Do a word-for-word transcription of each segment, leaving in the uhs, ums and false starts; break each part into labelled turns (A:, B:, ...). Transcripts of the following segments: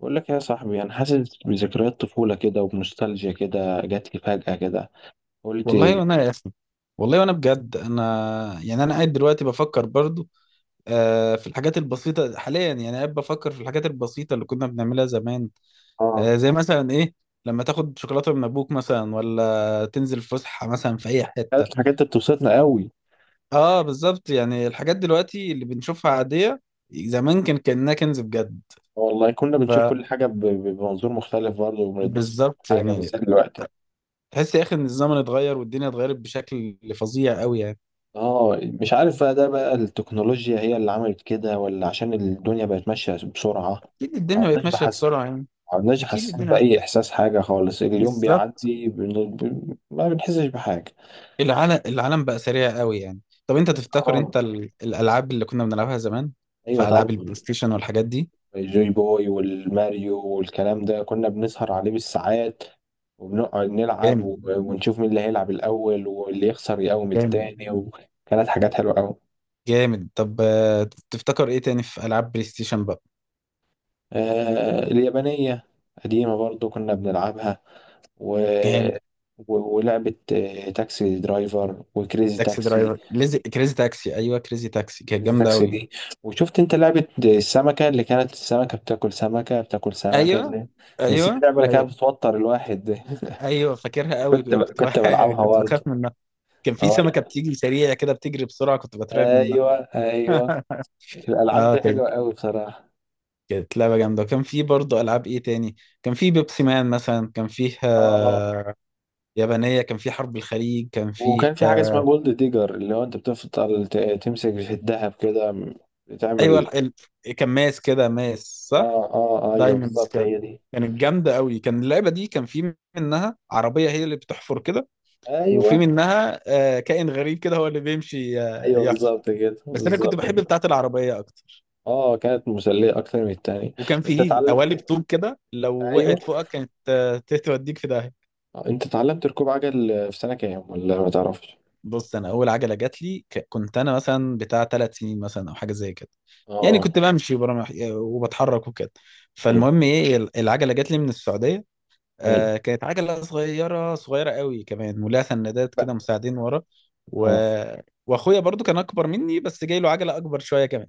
A: بقول لك يا صاحبي، انا حاسس بذكريات طفوله كده، وبنوستالجيا كده جات لي فجاه كده. قلت.
B: والله وانا يا اسف. والله وانا بجد، انا يعني انا قاعد دلوقتي بفكر برضو. آه، في الحاجات البسيطه حاليا، يعني قاعد بفكر في الحاجات البسيطه اللي كنا بنعملها زمان. آه،
A: اه.
B: زي مثلا ايه؟ لما تاخد شوكولاته من ابوك مثلا، ولا تنزل فسحه مثلا في اي حته.
A: كانت الحاجات دي بتبسطنا قوي.
B: اه، بالظبط، يعني الحاجات دلوقتي اللي بنشوفها عاديه، زمان كان كانها كنز بجد.
A: والله كنا بنشوف كل حاجه ب- ب- بمنظور مختلف برضه، وبنتبسط بكل
B: فبالظبط
A: حاجه
B: يعني،
A: بالذات دلوقتي.
B: تحس يا اخي ان الزمن اتغير والدنيا اتغيرت بشكل فظيع قوي يعني.
A: اه، مش عارف بقى، ده بقى التكنولوجيا هي اللي عملت كده، ولا عشان الدنيا بقت ماشيه بسرعه؟
B: اكيد
A: ما
B: الدنيا بقت
A: عدناش
B: ماشيه
A: بحس ما
B: بسرعه يعني.
A: عدناش
B: اكيد
A: حاسين
B: الدنيا،
A: باي احساس، حاجه خالص، اليوم
B: بالظبط،
A: بيعدي بن... ب... ما بنحسش بحاجه.
B: العالم العالم بقى سريع قوي يعني. طب انت تفتكر
A: اه.
B: انت ال... الالعاب اللي كنا بنلعبها زمان،
A: ايوه
B: في العاب
A: طبعا.
B: البلاي ستيشن والحاجات دي.
A: الجوي بوي والماريو والكلام ده كنا بنسهر عليه بالساعات، وبنقعد نلعب،
B: جامد.
A: و- ونشوف مين اللي هيلعب الأول، واللي يخسر يقوم
B: جامد.
A: التاني. وكانت حاجات حلوة أوي.
B: جامد. طب آه، تفتكر ايه تاني في العاب بلاي ستيشن بقى؟
A: آه، اليابانية قديمة برضو كنا بنلعبها. و...
B: جامد.
A: و- ولعبة آه، تاكسي درايفر وكريزي
B: تاكسي
A: تاكسي.
B: درايفر، ليزي... كريزي تاكسي، ايوه، كريزي تاكسي كانت
A: كريزي
B: جامده
A: تاكسي
B: قوي.
A: دي. وشفت انت لعبة السمكة اللي كانت السمكة بتاكل سمكة بتاكل سمكة
B: ايوه،
A: اللي- الس-
B: ايوه.
A: اللعبة اللي كانت
B: ايوه،
A: بتوتر الواحد دي.
B: ايوه فاكرها قوي.
A: كنت ب...
B: كنت ب...
A: كنت بلعبها
B: كنت بخاف
A: برضه.
B: منها. كان في
A: اه،
B: سمكه بتيجي سريعه كده، بتجري بسرعه، كنت بترعب منها.
A: ايوه ايوه، الالعاب
B: اه،
A: دي
B: كانت
A: حلوه قوي بصراحه.
B: كانت لعبة جامدة، وكان في برضه ألعاب. إيه تاني؟ كان في بيبسي مان مثلا كان فيها،
A: اه.
B: يابانية، كان في حرب الخليج كان
A: وكان في حاجه اسمها
B: فيها.
A: جولد ديجر، اللي هو انت بتفضل ت- تمسك في الذهب كده، م-
B: أيوة،
A: بتعمل.
B: ال- ال- كان ماس كده، ماس صح؟
A: اه اه، آه، ايوه
B: دايموندز
A: بالظبط
B: كان
A: هي دي.
B: كانت جامدة قوي، كان اللعبة دي كان في منها عربية هي اللي بتحفر كده،
A: ايوه
B: وفي منها آه، كائن غريب كده هو اللي بيمشي آه،
A: ايوه،
B: يحفر.
A: بالظبط كده
B: بس أنا كنت
A: بالظبط
B: بحب
A: كده.
B: بتاعة العربية أكتر.
A: اه، كانت مسليه اكتر من التانية.
B: وكان
A: انت
B: في
A: اتعلم
B: قوالب طوب كده لو
A: ايوه.
B: وقعت فوقك كانت، آه، توديك في داهية.
A: آه، انت اتعلمت ركوب عجل في سنه كام، ولا ما تعرفش؟
B: بص، انا اول عجله جات لي ك- كنت انا مثلا بتاع ثلاث سنين مثلا او حاجه زي كده، يعني
A: اه،
B: كنت بمشي برا- وبتحرك وكده.
A: ايوه
B: فالمهم، ايه، ال- العجله جات لي من السعوديه.
A: ايوه
B: آه كانت عجله صغيره صغيره قوي كمان، ولها سندات كده
A: بقى.
B: مساعدين ورا. و...
A: اه،
B: واخويا برضو كان اكبر مني، بس جاي له عجله اكبر شويه كمان.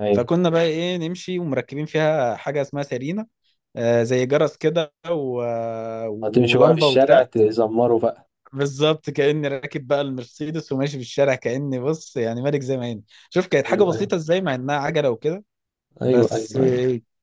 A: ايوه.
B: فكنا بقى، ايه، نمشي ومركبين فيها حاجه اسمها سيرينا، آه زي جرس كده، و...
A: هتمشي بقى في
B: ولمبه
A: الشارع
B: وبتاع.
A: تزمره بقى.
B: بالظبط كأني راكب بقى المرسيدس وماشي في الشارع، كأني، بص، يعني، ملك زي ما هنا. شوف كانت حاجة
A: ايوه ايوه،
B: بسيطة ازاي، مع انها عجلة وكده.
A: ايوه
B: بس
A: ايوه.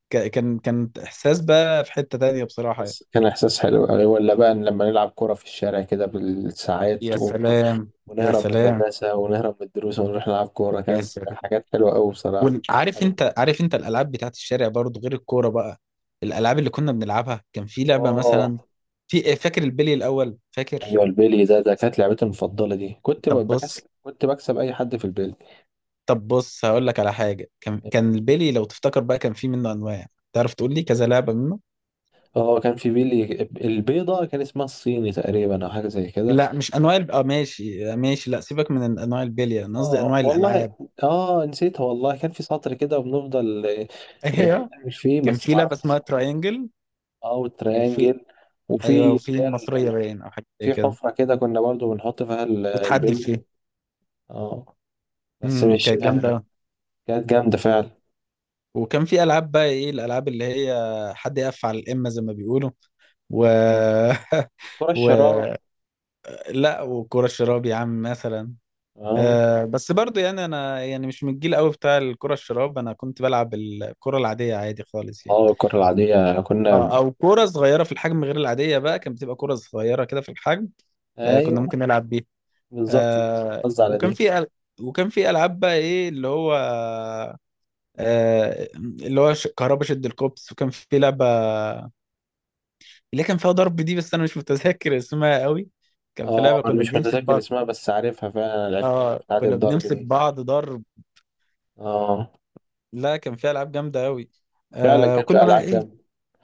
B: ك- كان كان احساس بقى في حتة تانية بصراحة يعني.
A: بس كان إحساس حلو يعني، ولا بقى لما نلعب كرة في الشارع كده بالساعات،
B: يا
A: و...
B: سلام، يا
A: ونهرب من
B: سلام،
A: المدرسة، ونهرب من الدروس، ونروح نلعب كورة.
B: يا
A: كانت
B: سلام.
A: حاجات حلوة أوي بصراحة.
B: وعارف انت، عارف انت الالعاب بتاعت الشارع برضو، غير الكورة بقى. الالعاب اللي كنا بنلعبها، كان في لعبة
A: آه،
B: مثلا، في، إيه، فاكر البلي الاول؟ فاكر.
A: أيوة، البيلي ده ده كانت لعبتي المفضلة دي، كنت
B: طب بص
A: بكسب كنت بكسب أي حد في البيلي.
B: طب بص هقول لك على حاجة، كان كان البلي، لو تفتكر بقى، كان في منه انواع. تعرف تقول لي كذا لعبة منه؟
A: اه، كان في بيلي البيضة، كان اسمها الصيني تقريبا، او حاجة زي كده.
B: لا، مش انواع الب... اه، ماشي ماشي، لا سيبك من ال- انواع البلية، انا قصدي
A: اه
B: انواع
A: والله.
B: الالعاب.
A: اه، نسيتها والله. كان في سطر كده وبنفضل آه، آه،
B: ايوه،
A: نعمل فيه،
B: كان
A: بس
B: في
A: ما
B: لعبه
A: اعرفش
B: اسمها
A: اسمه إيه.
B: تراينجل.
A: او
B: وفي،
A: تريانجل. وفي،
B: ايوه،
A: اللي
B: وفي
A: هي ال-
B: مصريه
A: ال-
B: باين او حاجه زي
A: في
B: كده،
A: حفرة كده كنا برضو بنحط فيها ال-
B: وتحدي
A: البلي.
B: فيه.
A: اه، بس
B: امم
A: مش
B: كانت جامده
A: آه،
B: أوي.
A: كانت جامدة فعلا.
B: وكان في العاب بقى، ايه الالعاب اللي هي حد يقف على الامه زي ما بيقولوا، و
A: كرة
B: و،
A: الشراع.
B: لا، وكره الشراب يا عم مثلا.
A: اه
B: آه بس برضو يعني، انا يعني مش من الجيل قوي بتاع الكره الشراب، انا كنت بلعب الكره العاديه عادي خالص يعني.
A: اه، الكرة العادية كنا
B: اه،
A: ب...
B: او كوره صغيره في الحجم غير العاديه بقى، كانت بتبقى كوره صغيره كده في الحجم، آه كنا ممكن
A: ايوه
B: نلعب بيها.
A: بالظبط دي.
B: آه
A: قصدي على
B: وكان
A: دي.
B: في أل... وكان في العاب بقى، ايه اللي هو، آه اللي هو ش... كهربا، شد الكوبس، وكان في لعبه اللي كان فيها ضرب دي، بس انا مش متذكر اسمها قوي. كان في
A: اه،
B: لعبه
A: انا
B: كنا
A: مش
B: بنمسك
A: متذكر
B: بعض.
A: اسمها بس عارفها فعلا، انا لعبتها
B: اه،
A: بتاعة
B: كنا
A: الضرب
B: بنمسك
A: دي.
B: بعض ضرب.
A: اه،
B: لا، كان فيها العاب جامده قوي.
A: فعلا
B: آه
A: كانت فيها
B: وكنا بقى،
A: العاب
B: ايه،
A: جامدة.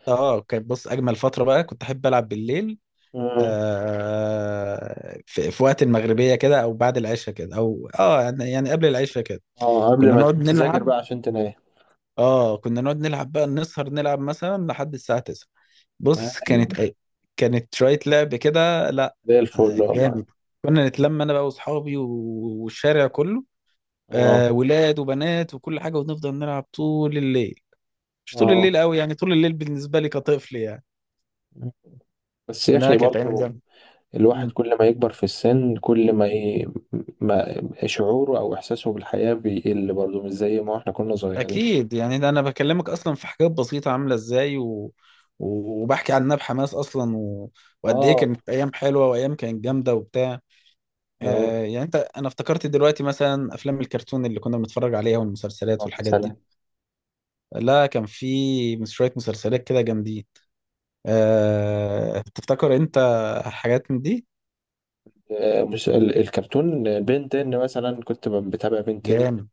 B: اه، كانت، بص، اجمل فتره بقى كنت احب العب بالليل،
A: مم.
B: آه، في, في وقت المغربية كده، أو بعد العشاء كده، أو آه يعني يعني قبل العشاء كده.
A: اه، قبل
B: كنا
A: ما
B: نقعد
A: تقوم تذاكر
B: نلعب
A: بقى عشان تنام.
B: آه كنا نقعد نلعب بقى، نسهر نلعب مثلا لحد الساعة تسعة. بص،
A: ايوه،
B: كانت أي- كانت شوية لعب كده، لا،
A: زي
B: آه،
A: الفل والله.
B: جامد. كنا نتلم أنا بقى وأصحابي و- والشارع كله،
A: اه
B: آه ولاد وبنات وكل حاجة، ونفضل نلعب طول الليل. مش طول
A: اه،
B: الليل قوي يعني، طول الليل بالنسبة لي كطفل يعني.
A: بس يا
B: لا،
A: اخي
B: كانت أيام
A: برضو
B: جامدة.
A: الواحد كل ما يكبر في السن، كل ما, ي... ما شعوره أو إحساسه بالحياة بيقل برضه، مش زي ما احنا كنا صغيرين.
B: اكيد يعني، ده انا بكلمك اصلا في حاجات بسيطه عامله ازاي، و... و- وبحكي عنها بحماس اصلا، و... وقد ايه
A: اه
B: كانت ايام حلوه، وايام كانت جامده وبتاع.
A: اه.
B: آه يعني انت انا افتكرت دلوقتي مثلا افلام الكرتون اللي كنا بنتفرج عليها، والمسلسلات والحاجات دي.
A: مثلا
B: لا، كان في مس- شويه مسلسلات كده جامدين. آه تفتكر انت حاجات من دي؟
A: آه، مش ال- الكرتون بنتين مثلا، كنت ب- بتابع بنتين.
B: جامد.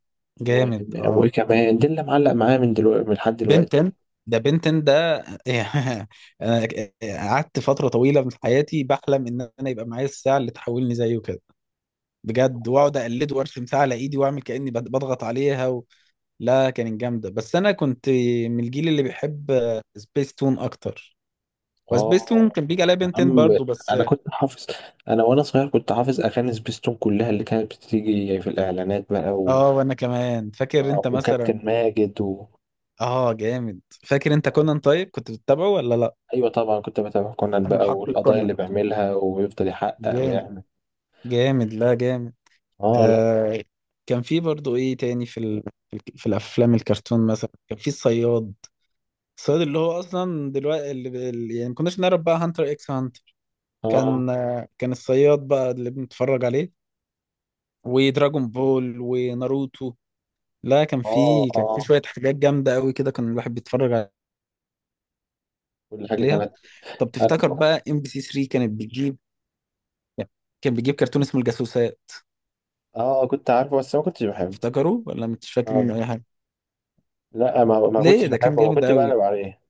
A: و...
B: جامد، اه.
A: وكمان دي اللي معلق معايا من دلوقتي، من لحد دلوقتي.
B: بنتن ده، بنتن ده. انا قعدت فتره طويله من حياتي بحلم ان انا يبقى معايا الساعه اللي تحولني زيه كده، بجد، واقعد اقلده وارسم ساعه على ايدي واعمل كاني بض- بضغط عليها، و... لا، كانت جامده، بس انا كنت من الجيل اللي بيحب سبيس تون اكتر. وسبيس تون
A: اه
B: كان بيجي عليا
A: يا
B: بنتين
A: عم.
B: برضو بس.
A: انا كنت حافظ انا وانا صغير كنت حافظ اغاني سبيستون كلها، اللي كانت بتيجي في الاعلانات بقى. و...
B: اه، وانا كمان فاكر.
A: آه،
B: انت مثلا،
A: وكابتن ماجد. و...
B: اه، جامد. فاكر انت كونان؟ طيب كنت بتتابعه ولا لا؟
A: ايوه طبعا، كنت بتابع كونان
B: انا
A: بقى
B: محقق
A: والقضايا
B: كونان.
A: اللي بيعملها، ويفضل يحقق
B: جامد.
A: ويعمل.
B: جامد. لا، جامد.
A: اه. لا.
B: آه كان في برضو، ايه تاني، في ال... في الك- في الافلام الكرتون مثلا، كان في الصياد. الصياد، اللي هو اصلا دلوقتي، اللي اللي- يعني، ما كناش نعرف بقى، هانتر اكس هانتر.
A: اه
B: كان آه كان الصياد بقى اللي بنتفرج عليه، ودراجون بول، وناروتو. لا، كان
A: اه
B: في كان في
A: اه،
B: شوية حاجات جامدة قوي كده كان الواحد بيتفرج
A: كل حاجه
B: عليها.
A: كانت.
B: طب
A: انا
B: تفتكر بقى ام بي سي تلاتة كانت بتجيب، يعني، كان بيجيب كرتون اسمه الجاسوسات؟
A: اه كنت عارفه، بس ما كنتش بحبه.
B: تفتكره ولا مش فاكر منه
A: اه،
B: اي حاجة؟
A: لا، ما ما كنتش
B: ليه؟ ده كان
A: بحبه، ما
B: جامد
A: كنت
B: قوي،
A: بقلب عليه.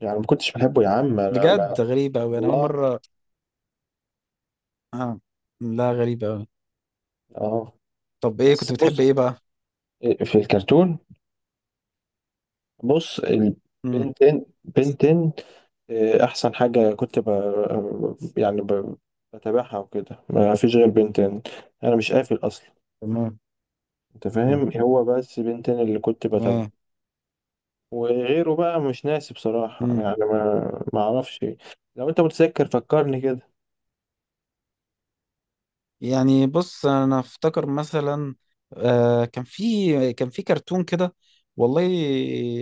A: يعني ما كنتش بحبه يا عم انا بقى.
B: بجد. غريب قوي، انا اول
A: والله.
B: مرة. اه، لا، غريبة أوي.
A: اه.
B: طب إيه
A: بس
B: كنت بتحب
A: بص،
B: إيه بقى؟
A: في الكرتون، بص
B: مم.
A: البنتين بنتين. آه، احسن حاجه كنت ب... يعني ب... بتابعها وكده، ما فيش غير بنتين. انا مش قافل اصلا.
B: تمام.
A: انت
B: مم.
A: فاهم، هو بس بنتين اللي كنت بتابعه.
B: تمام.
A: وغيره بقى مش ناسي بصراحة
B: مم.
A: يعني، ما ما اعرفش. لو انت متذكر فكرني كده.
B: يعني، بص، أنا أفتكر مثلا، آه كان في كان في كرتون كده. والله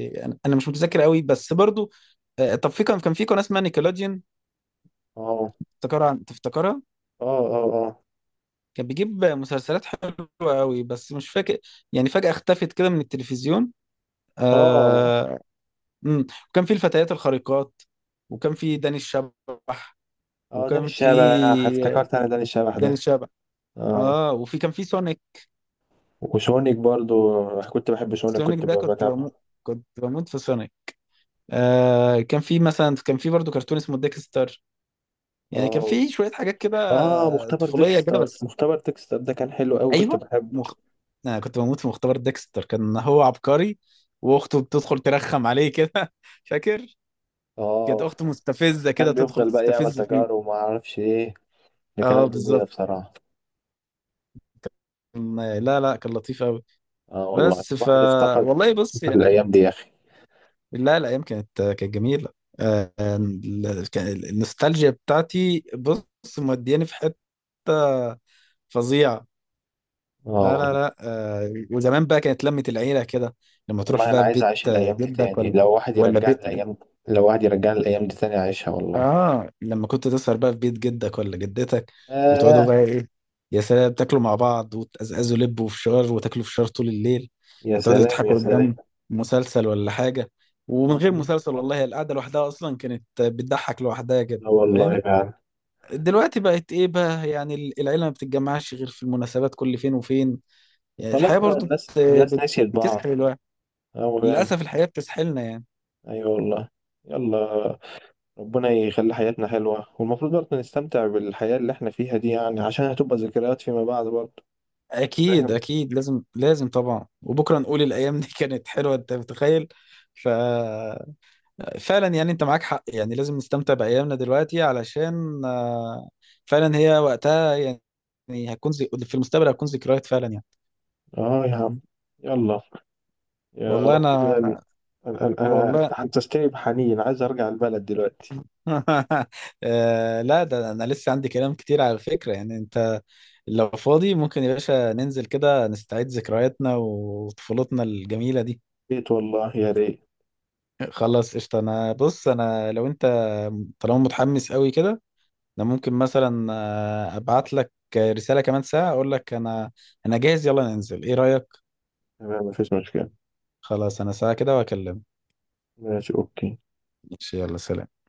B: أنا أنا مش متذكر قوي بس برضو، آه طب في كان كان في قناة اسمها نيكلوديون،
A: اه
B: تفتكرها؟ تفتكرها؟
A: اه اه
B: كان بيجيب مسلسلات حلوة قوي، بس مش فاكر، يعني فجأة اختفت كده من التلفزيون.
A: اه اه
B: آه. مم. وكان في الفتيات الخارقات، وكان في داني الشبح.
A: اه. داني
B: وكان في
A: الشبح! افتكرت انا داني الشبح
B: داني
A: ده.
B: شبح،
A: اه.
B: اه. وفي كان في سونيك.
A: وشونك برضو كنت بحب شونك،
B: سونيك
A: كنت
B: ده
A: ب-
B: كنت
A: بتابعه.
B: بموت، كنت بموت في سونيك. آه كان في مثلا كان في برضو كرتون اسمه ديكستر، يعني كان
A: اه
B: في شوية حاجات كده
A: اه، مختبر
B: طفولية كده
A: ديكستر،
B: بس.
A: مختبر ديكستر ده كان حلو قوي كنت
B: ايوه،
A: بحبه.
B: مخ... انا كنت بموت في مختبر ديكستر، كان هو عبقري، واخته بتدخل ترخم عليه كده. فاكر؟ كانت
A: اه،
B: اخته مستفزة كده،
A: كان
B: تدخل
A: بيفضل بقى يعمل
B: تستفز فيه.
A: تجارب وما اعرفش ايه، اللي
B: اه،
A: كانت جميلة
B: بالظبط،
A: بصراحة.
B: لا لا، كان لطيف قوي.
A: اه والله،
B: بس ف
A: الواحد افتقد
B: والله بص يعني،
A: الأيام دي يا أخي.
B: لا، الايام كانت كانت جميله. آه، ال- كان- النوستالجيا بتاعتي، بص، مودياني في حته فظيعه. لا لا
A: اه
B: لا، آه، وزمان بقى كانت لمه العيله كده، لما تروح
A: والله، أنا
B: بقى في
A: عايز
B: بيت،
A: أعيش
B: آه،
A: الأيام دي
B: جدك
A: تاني.
B: ولا،
A: لو واحد
B: ولا
A: يرجعني
B: بيت،
A: الأيام لو واحد يرجعني الأيام دي تاني أعيشها والله.
B: اه، لما كنت تسهر بقى في بيت جدك ولا جدتك، وتقعدوا بقى،
A: آه،
B: ايه، يا سلام، تاكلوا مع بعض، وتقزقزوا لب وفشار، وتاكلوا فشار طول الليل،
A: يا
B: وتقعدوا
A: سلام يا
B: تضحكوا
A: سلام.
B: قدام مسلسل ولا حاجة. ومن
A: لا
B: غير مسلسل، والله، هي القعدة لوحدها أصلا كانت بتضحك لوحدها كده.
A: والله،
B: فاهم؟
A: فعلا.
B: دلوقتي بقت، ايه بقى، يعني، ال- العيلة ما بتتجمعش غير في المناسبات كل فين وفين. يعني
A: خلاص
B: الحياة
A: بقى،
B: برضو
A: الناس
B: بت-
A: الناس
B: بت-
A: نسيت بعض.
B: بتسحل الواحد،
A: أوي يعني.
B: للأسف الحياة بتسحلنا يعني.
A: أيوة والله. يلا. ربنا يخلي حياتنا حلوة، والمفروض برضه نستمتع بالحياة اللي احنا فيها دي يعني، عشان هتبقى ذكريات فيما بعد برضه.
B: اكيد،
A: فاهم.
B: اكيد، لازم، لازم طبعا، وبكره نقول الايام دي كانت حلوه، انت متخيل؟ ف فعلا يعني، انت معاك حق، يعني لازم نستمتع بايامنا دلوقتي علشان، آه، فعلا هي وقتها يعني، يعني هتكون زي، في المستقبل هتكون ذكريات فعلا يعني.
A: اه يا عم. يلا. يا
B: والله
A: رب
B: انا
A: كده ال- انا انا أنا-
B: والله
A: انت
B: أنا.
A: حسستني بحنين، عايز ارجع البلد دلوقتي.
B: آه، لا، ده انا لسه عندي كلام كتير على فكره يعني. انت لو فاضي ممكن يا باشا ننزل كده، نستعيد ذكرياتنا وطفولتنا الجميله دي.
A: ريت والله، يا ريت.
B: خلاص، قشطة. انا بص، انا لو انت طالما متحمس قوي كده، انا ممكن مثلا، آه، ابعت لك رسالة كمان ساعة اقول لك انا انا جاهز، يلا ننزل، ايه رأيك؟
A: تمام، مفيش مشكلة.
B: خلاص، انا ساعة كده واكلمك.
A: ماشي، اوكي.
B: ماشي، يلا سلام.